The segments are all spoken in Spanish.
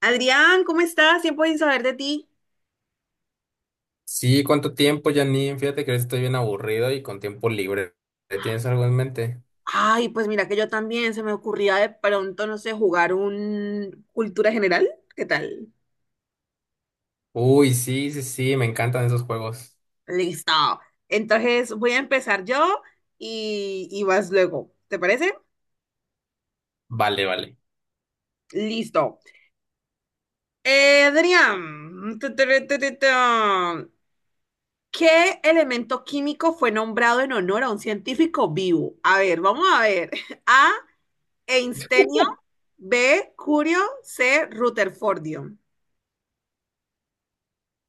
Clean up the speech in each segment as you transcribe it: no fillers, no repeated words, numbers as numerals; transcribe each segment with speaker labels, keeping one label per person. Speaker 1: Adrián, ¿cómo estás? Tiempo sin saber de ti.
Speaker 2: Sí, ¿cuánto tiempo, Janine? Fíjate que ahorita estoy bien aburrido y con tiempo libre. ¿Tienes algo en mente?
Speaker 1: Ay, pues mira que yo también se me ocurría de pronto, no sé, jugar un cultura general. ¿Qué tal?
Speaker 2: Uy, sí, sí, sí, me encantan esos juegos.
Speaker 1: Listo. Entonces voy a empezar yo y vas luego. ¿Te parece?
Speaker 2: Vale, vale.
Speaker 1: Listo. Adrián, tu. ¿Qué elemento químico fue nombrado en honor a un científico vivo? A ver, vamos a ver. A, einstenio, B, curio, C, rutherfordio.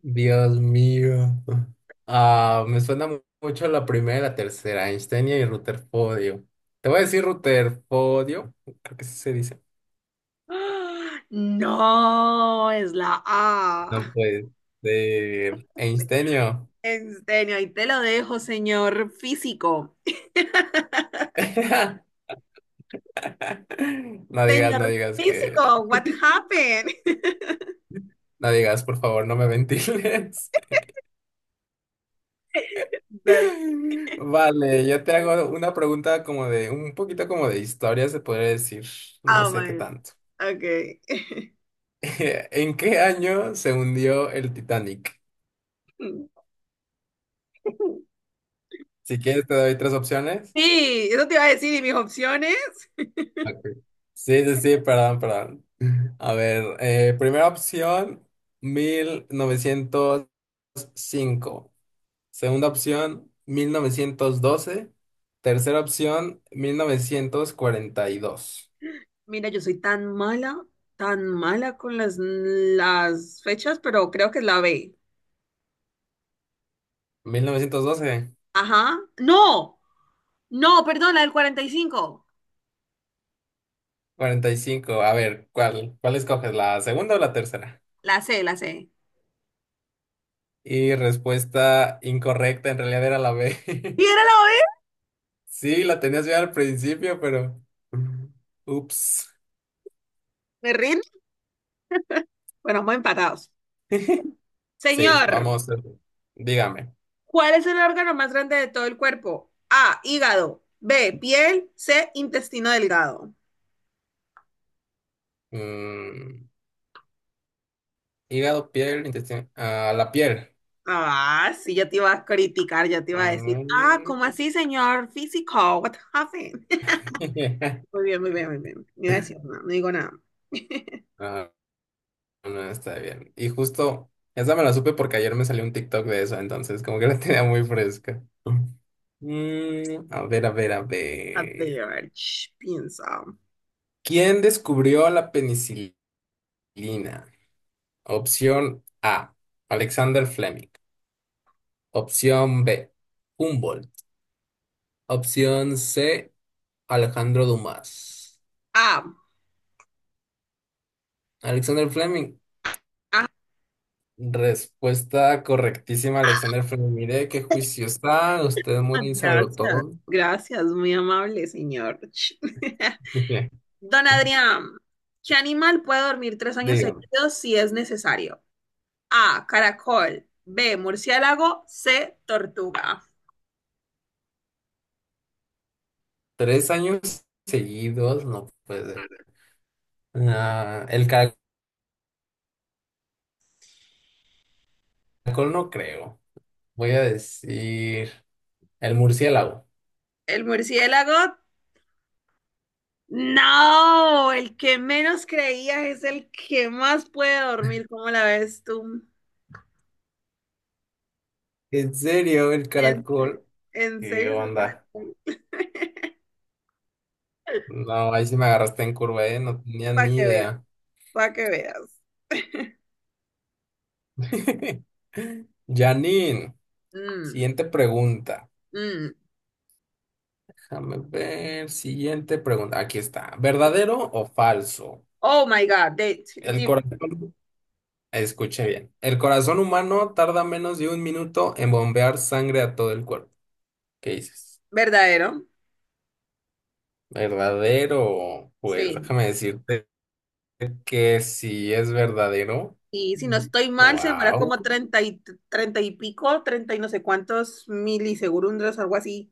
Speaker 2: Dios mío. Ah, me suena mucho la primera y la tercera, Einstein y Rutherfordio. Te voy a decir Rutherfordio, creo que sí se dice.
Speaker 1: ¡Ah! No, es la
Speaker 2: No
Speaker 1: A.
Speaker 2: puede ser. Einsteinio.
Speaker 1: En serio, ahí te lo dejo, señor físico.
Speaker 2: No digas, no
Speaker 1: Señor
Speaker 2: digas que,
Speaker 1: físico, what happened?
Speaker 2: no digas, por favor, no me ventiles.
Speaker 1: Dale.
Speaker 2: Vale, yo te hago una pregunta como de, un poquito como de historia, se podría decir, no
Speaker 1: Oh
Speaker 2: sé qué
Speaker 1: my God.
Speaker 2: tanto.
Speaker 1: Okay.
Speaker 2: ¿En qué año se hundió el Titanic? Si quieres te doy tres opciones.
Speaker 1: Sí, eso te iba a decir, y mis opciones.
Speaker 2: Ok. Sí, sí, sí, perdón, perdón. A ver, primera opción, 1905. Segunda opción, 1912. Tercera opción, mil novecientos cuarenta y dos.
Speaker 1: Mira, yo soy tan mala con las fechas, pero creo que es la B.
Speaker 2: 1912.
Speaker 1: Ajá. No, no, perdón, la del 45.
Speaker 2: 45. A ver, ¿cuál escoges, ¿la segunda o la tercera?
Speaker 1: La C.
Speaker 2: Y respuesta incorrecta, en realidad era la B.
Speaker 1: ¿Y era la B?
Speaker 2: Sí, la tenías bien al principio, pero... Ups.
Speaker 1: ¿Me rindo? Bueno, vamos empatados.
Speaker 2: Sí,
Speaker 1: Señor,
Speaker 2: vamos. Dígame.
Speaker 1: ¿cuál es el órgano más grande de todo el cuerpo? A, hígado. B, piel. C, intestino delgado.
Speaker 2: Mm, hígado, piel, intestino... ah, la piel.
Speaker 1: Ah, sí, yo te iba a criticar, yo te iba a decir, ah,
Speaker 2: Mm.
Speaker 1: ¿cómo así, señor físico? What happened? Muy bien, muy bien, muy bien. No iba a decir nada, no digo nada.
Speaker 2: Ah, no está bien. Y justo, esa me la supe porque ayer me salió un TikTok de eso, entonces como que la tenía muy fresca. Mm, a ver, a ver, a
Speaker 1: A
Speaker 2: ver.
Speaker 1: ver, ch, piensa.
Speaker 2: ¿Quién descubrió la penicilina? Opción A, Alexander Fleming. Opción B, Humboldt. Opción C, Alejandro Dumas.
Speaker 1: Ah,
Speaker 2: Alexander Fleming.
Speaker 1: ah,
Speaker 2: Respuesta correctísima, Alexander Fleming. Mire qué juicio está. Usted muy
Speaker 1: gracias,
Speaker 2: todo.
Speaker 1: gracias, muy amable, señor. Don Adrián, ¿qué animal puede dormir 3 años
Speaker 2: Dígame,
Speaker 1: seguidos si es necesario? A, caracol, B, murciélago, C, tortuga.
Speaker 2: 3 años seguidos, no puede ser. Ah, el caracol no creo. Voy a decir. El murciélago.
Speaker 1: El murciélago, no, el que menos creía es el que más puede dormir, ¿cómo la ves tú?
Speaker 2: ¿En serio? El
Speaker 1: En serio,
Speaker 2: caracol.
Speaker 1: en
Speaker 2: ¿Qué
Speaker 1: serio, es el
Speaker 2: onda?
Speaker 1: caracol.
Speaker 2: No, ahí sí me agarraste en curva, ¿eh? No tenía
Speaker 1: Para
Speaker 2: ni
Speaker 1: que veas,
Speaker 2: idea.
Speaker 1: para que veas.
Speaker 2: Janine,
Speaker 1: Mm,
Speaker 2: siguiente pregunta.
Speaker 1: mm.
Speaker 2: Déjame ver, siguiente pregunta. Aquí está. ¿Verdadero o falso?
Speaker 1: Oh my God.
Speaker 2: El
Speaker 1: Di-
Speaker 2: corazón, escuche bien. El corazón humano tarda menos de un minuto en bombear sangre a todo el cuerpo. ¿Qué dices?
Speaker 1: Verdadero.
Speaker 2: ¿Verdadero? Pues
Speaker 1: Sí.
Speaker 2: déjame decirte que sí es verdadero.
Speaker 1: Y si no estoy mal, se demora
Speaker 2: Wow.
Speaker 1: como 30 y pico, 30 y no sé cuántos milisegundos, algo así,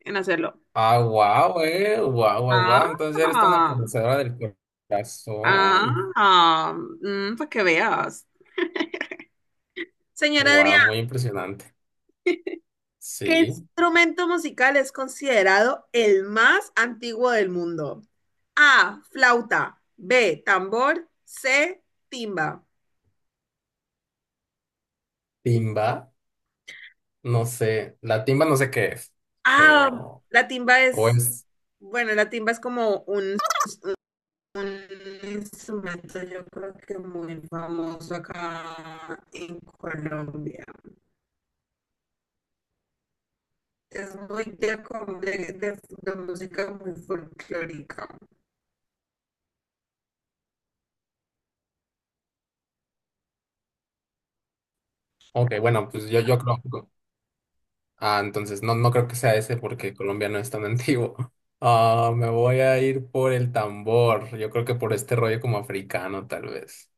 Speaker 1: en hacerlo.
Speaker 2: Ah, wow, eh. Wow, wow,
Speaker 1: Ah,
Speaker 2: wow. Entonces eres toda una conocedora del corazón.
Speaker 1: ah, mm, para que veas. Señora Adrián,
Speaker 2: Wow, muy impresionante.
Speaker 1: ¿qué
Speaker 2: Sí.
Speaker 1: instrumento musical es considerado el más antiguo del mundo? A, flauta, B, tambor, C, timba.
Speaker 2: Timba, no sé. La timba no sé qué es,
Speaker 1: Ah,
Speaker 2: pero.
Speaker 1: la timba
Speaker 2: O
Speaker 1: es,
Speaker 2: es.
Speaker 1: bueno, la timba es como un instrumento yo creo que muy famoso acá en Colombia. Es muy de, como de música muy folclórica.
Speaker 2: Ok, bueno, pues yo creo. Ah, entonces no, no creo que sea ese porque Colombia no es tan antiguo. Ah, me voy a ir por el tambor. Yo creo que por este rollo como africano, tal vez.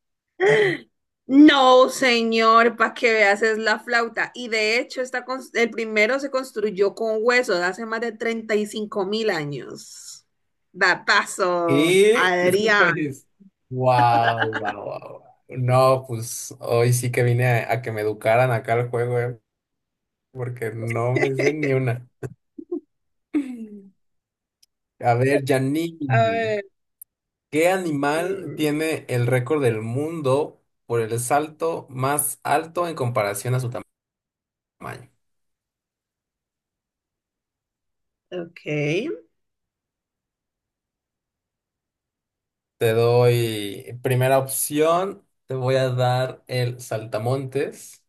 Speaker 1: No, señor, para que veas, es la flauta. Y de hecho, está cons- el primero se construyó con hueso de hace más de 35.000 años. Datazo,
Speaker 2: Y
Speaker 1: Adrián.
Speaker 2: pues, wow, wow, wow. No, pues hoy sí que vine a que me educaran acá al juego, porque no me sé ni una. A ver,
Speaker 1: A
Speaker 2: Janine,
Speaker 1: ver,
Speaker 2: ¿qué animal
Speaker 1: mm,
Speaker 2: tiene el récord del mundo por el salto más alto en comparación a su tamaño?
Speaker 1: ok.
Speaker 2: Te doy primera opción, te voy a dar el saltamontes.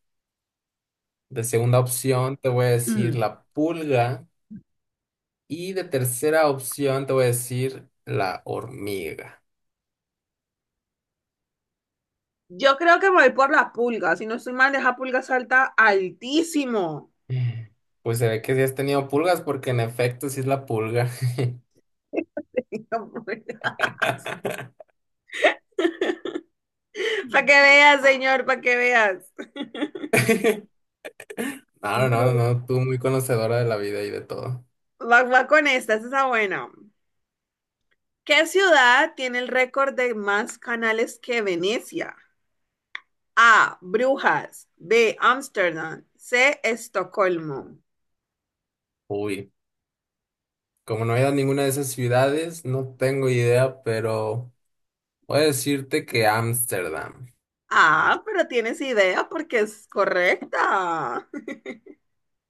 Speaker 2: De segunda opción, te voy a decir
Speaker 1: Hmm.
Speaker 2: la pulga. Y de tercera opción te voy a decir la hormiga.
Speaker 1: Yo creo que me voy por la pulga. Si no estoy mal, esa pulga salta altísimo.
Speaker 2: Mm. Pues se ve que sí has tenido pulgas porque en efecto sí es la pulga.
Speaker 1: Para que veas, señor, para que veas.
Speaker 2: No,
Speaker 1: Va,
Speaker 2: no, no, tú muy conocedora de la vida y de todo.
Speaker 1: va con esta, esa está buena. ¿Qué ciudad tiene el récord de más canales que Venecia? A, Brujas. B, Ámsterdam. C, Estocolmo.
Speaker 2: Uy, como no he ido a ninguna de esas ciudades, no tengo idea, pero voy a decirte que Ámsterdam.
Speaker 1: Ah, pero tienes idea porque es correcta.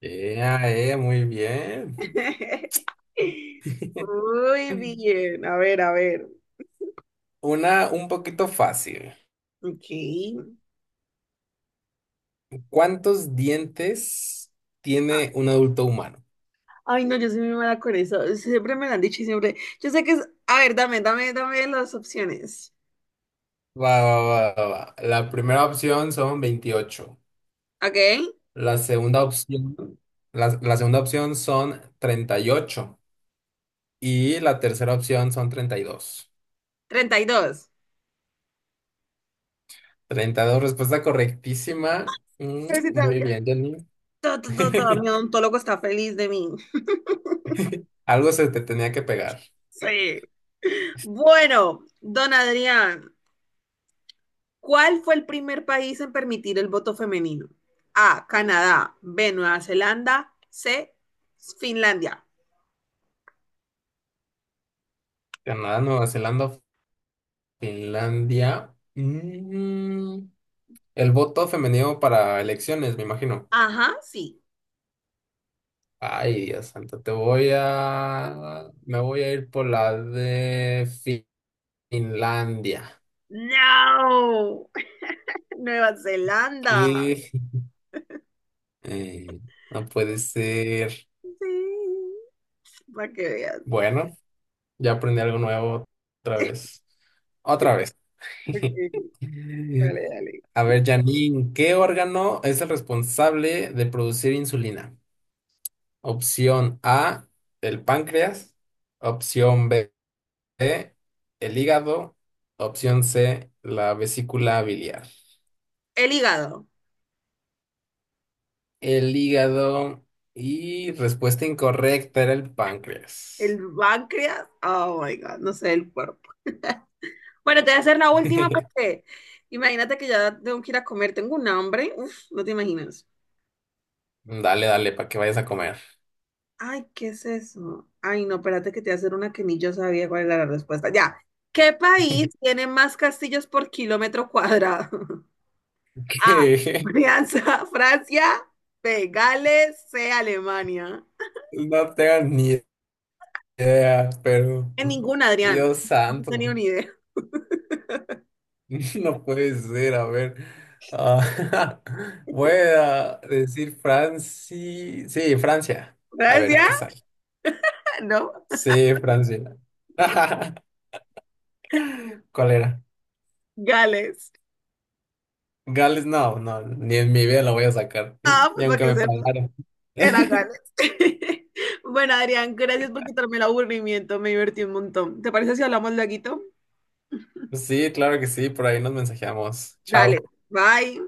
Speaker 2: Ea, ea, muy bien.
Speaker 1: Muy bien. A ver, a ver.
Speaker 2: Una un poquito fácil.
Speaker 1: Ok.
Speaker 2: ¿Cuántos dientes tiene un adulto humano?
Speaker 1: Ay, no, yo soy muy mala con eso. Siempre me lo han dicho y siempre. Yo sé que es. A ver, dame, dame, dame las opciones.
Speaker 2: Va, va, va, va, va. La primera opción son 28.
Speaker 1: ¿Ok?
Speaker 2: La segunda opción, la segunda opción son 38. Y la tercera opción son treinta y dos.
Speaker 1: 32.
Speaker 2: Treinta y dos. Respuesta correctísima. Mm,
Speaker 1: Ver si
Speaker 2: muy
Speaker 1: sabía.
Speaker 2: bien, Janine.
Speaker 1: Todo, todo, todo. Mi odontólogo está feliz de mí.
Speaker 2: Algo se te tenía que pegar.
Speaker 1: Sí. Bueno, don Adrián, ¿cuál fue el primer país en permitir el voto femenino? A, Canadá, B, Nueva Zelanda, C, Finlandia.
Speaker 2: Canadá, Nueva Zelanda, Finlandia. Mm, el voto femenino para elecciones, me imagino.
Speaker 1: Ajá, sí.
Speaker 2: Ay, Dios santo, te voy a... Me voy a ir por la de Finlandia.
Speaker 1: No, Nueva Zelanda.
Speaker 2: Y eh, no puede ser.
Speaker 1: Sí, para que veas.
Speaker 2: Bueno, ya aprendí algo nuevo otra vez. Otra vez.
Speaker 1: Ok. Dale, dale.
Speaker 2: A ver, Janine, ¿qué órgano es el responsable de producir insulina? Opción A, el páncreas. Opción B, el hígado. Opción C, la vesícula biliar.
Speaker 1: El hígado,
Speaker 2: El hígado y respuesta incorrecta era el páncreas.
Speaker 1: el páncreas, oh my God, no sé, el cuerpo. Bueno, te voy a hacer la última porque imagínate que ya tengo que ir a comer, tengo un hambre, uf, no te imaginas.
Speaker 2: Dale, dale, para que vayas a comer.
Speaker 1: Ay, ¿qué es eso? Ay, no, espérate que te voy a hacer una que ni yo sabía cuál era la respuesta. Ya. ¿Qué país tiene más castillos por kilómetro cuadrado? A,
Speaker 2: Que
Speaker 1: Alianza, Francia, B, Gales, C, Alemania.
Speaker 2: no tengo ni idea, pero
Speaker 1: En ninguna, Adrián.
Speaker 2: Dios
Speaker 1: No
Speaker 2: santo,
Speaker 1: tenía ni idea.
Speaker 2: no puede ser, a ver. Ah, voy a decir Francia. Sí, Francia. A ver
Speaker 1: Francia,
Speaker 2: qué sale.
Speaker 1: no,
Speaker 2: Sí, Francia.
Speaker 1: no.
Speaker 2: ¿Cuál era?
Speaker 1: Gales.
Speaker 2: Gales, no, no, ni en mi vida la voy a sacar,
Speaker 1: Ah,
Speaker 2: ni
Speaker 1: pues para
Speaker 2: aunque
Speaker 1: que
Speaker 2: me
Speaker 1: sepas,
Speaker 2: pagaran.
Speaker 1: era Gales. Bueno, Adrián, gracias por quitarme el aburrimiento, me divertí un montón. ¿Te parece si hablamos laguito?
Speaker 2: Sí, claro que sí, por ahí nos mensajeamos.
Speaker 1: Dale,
Speaker 2: Chao.
Speaker 1: bye.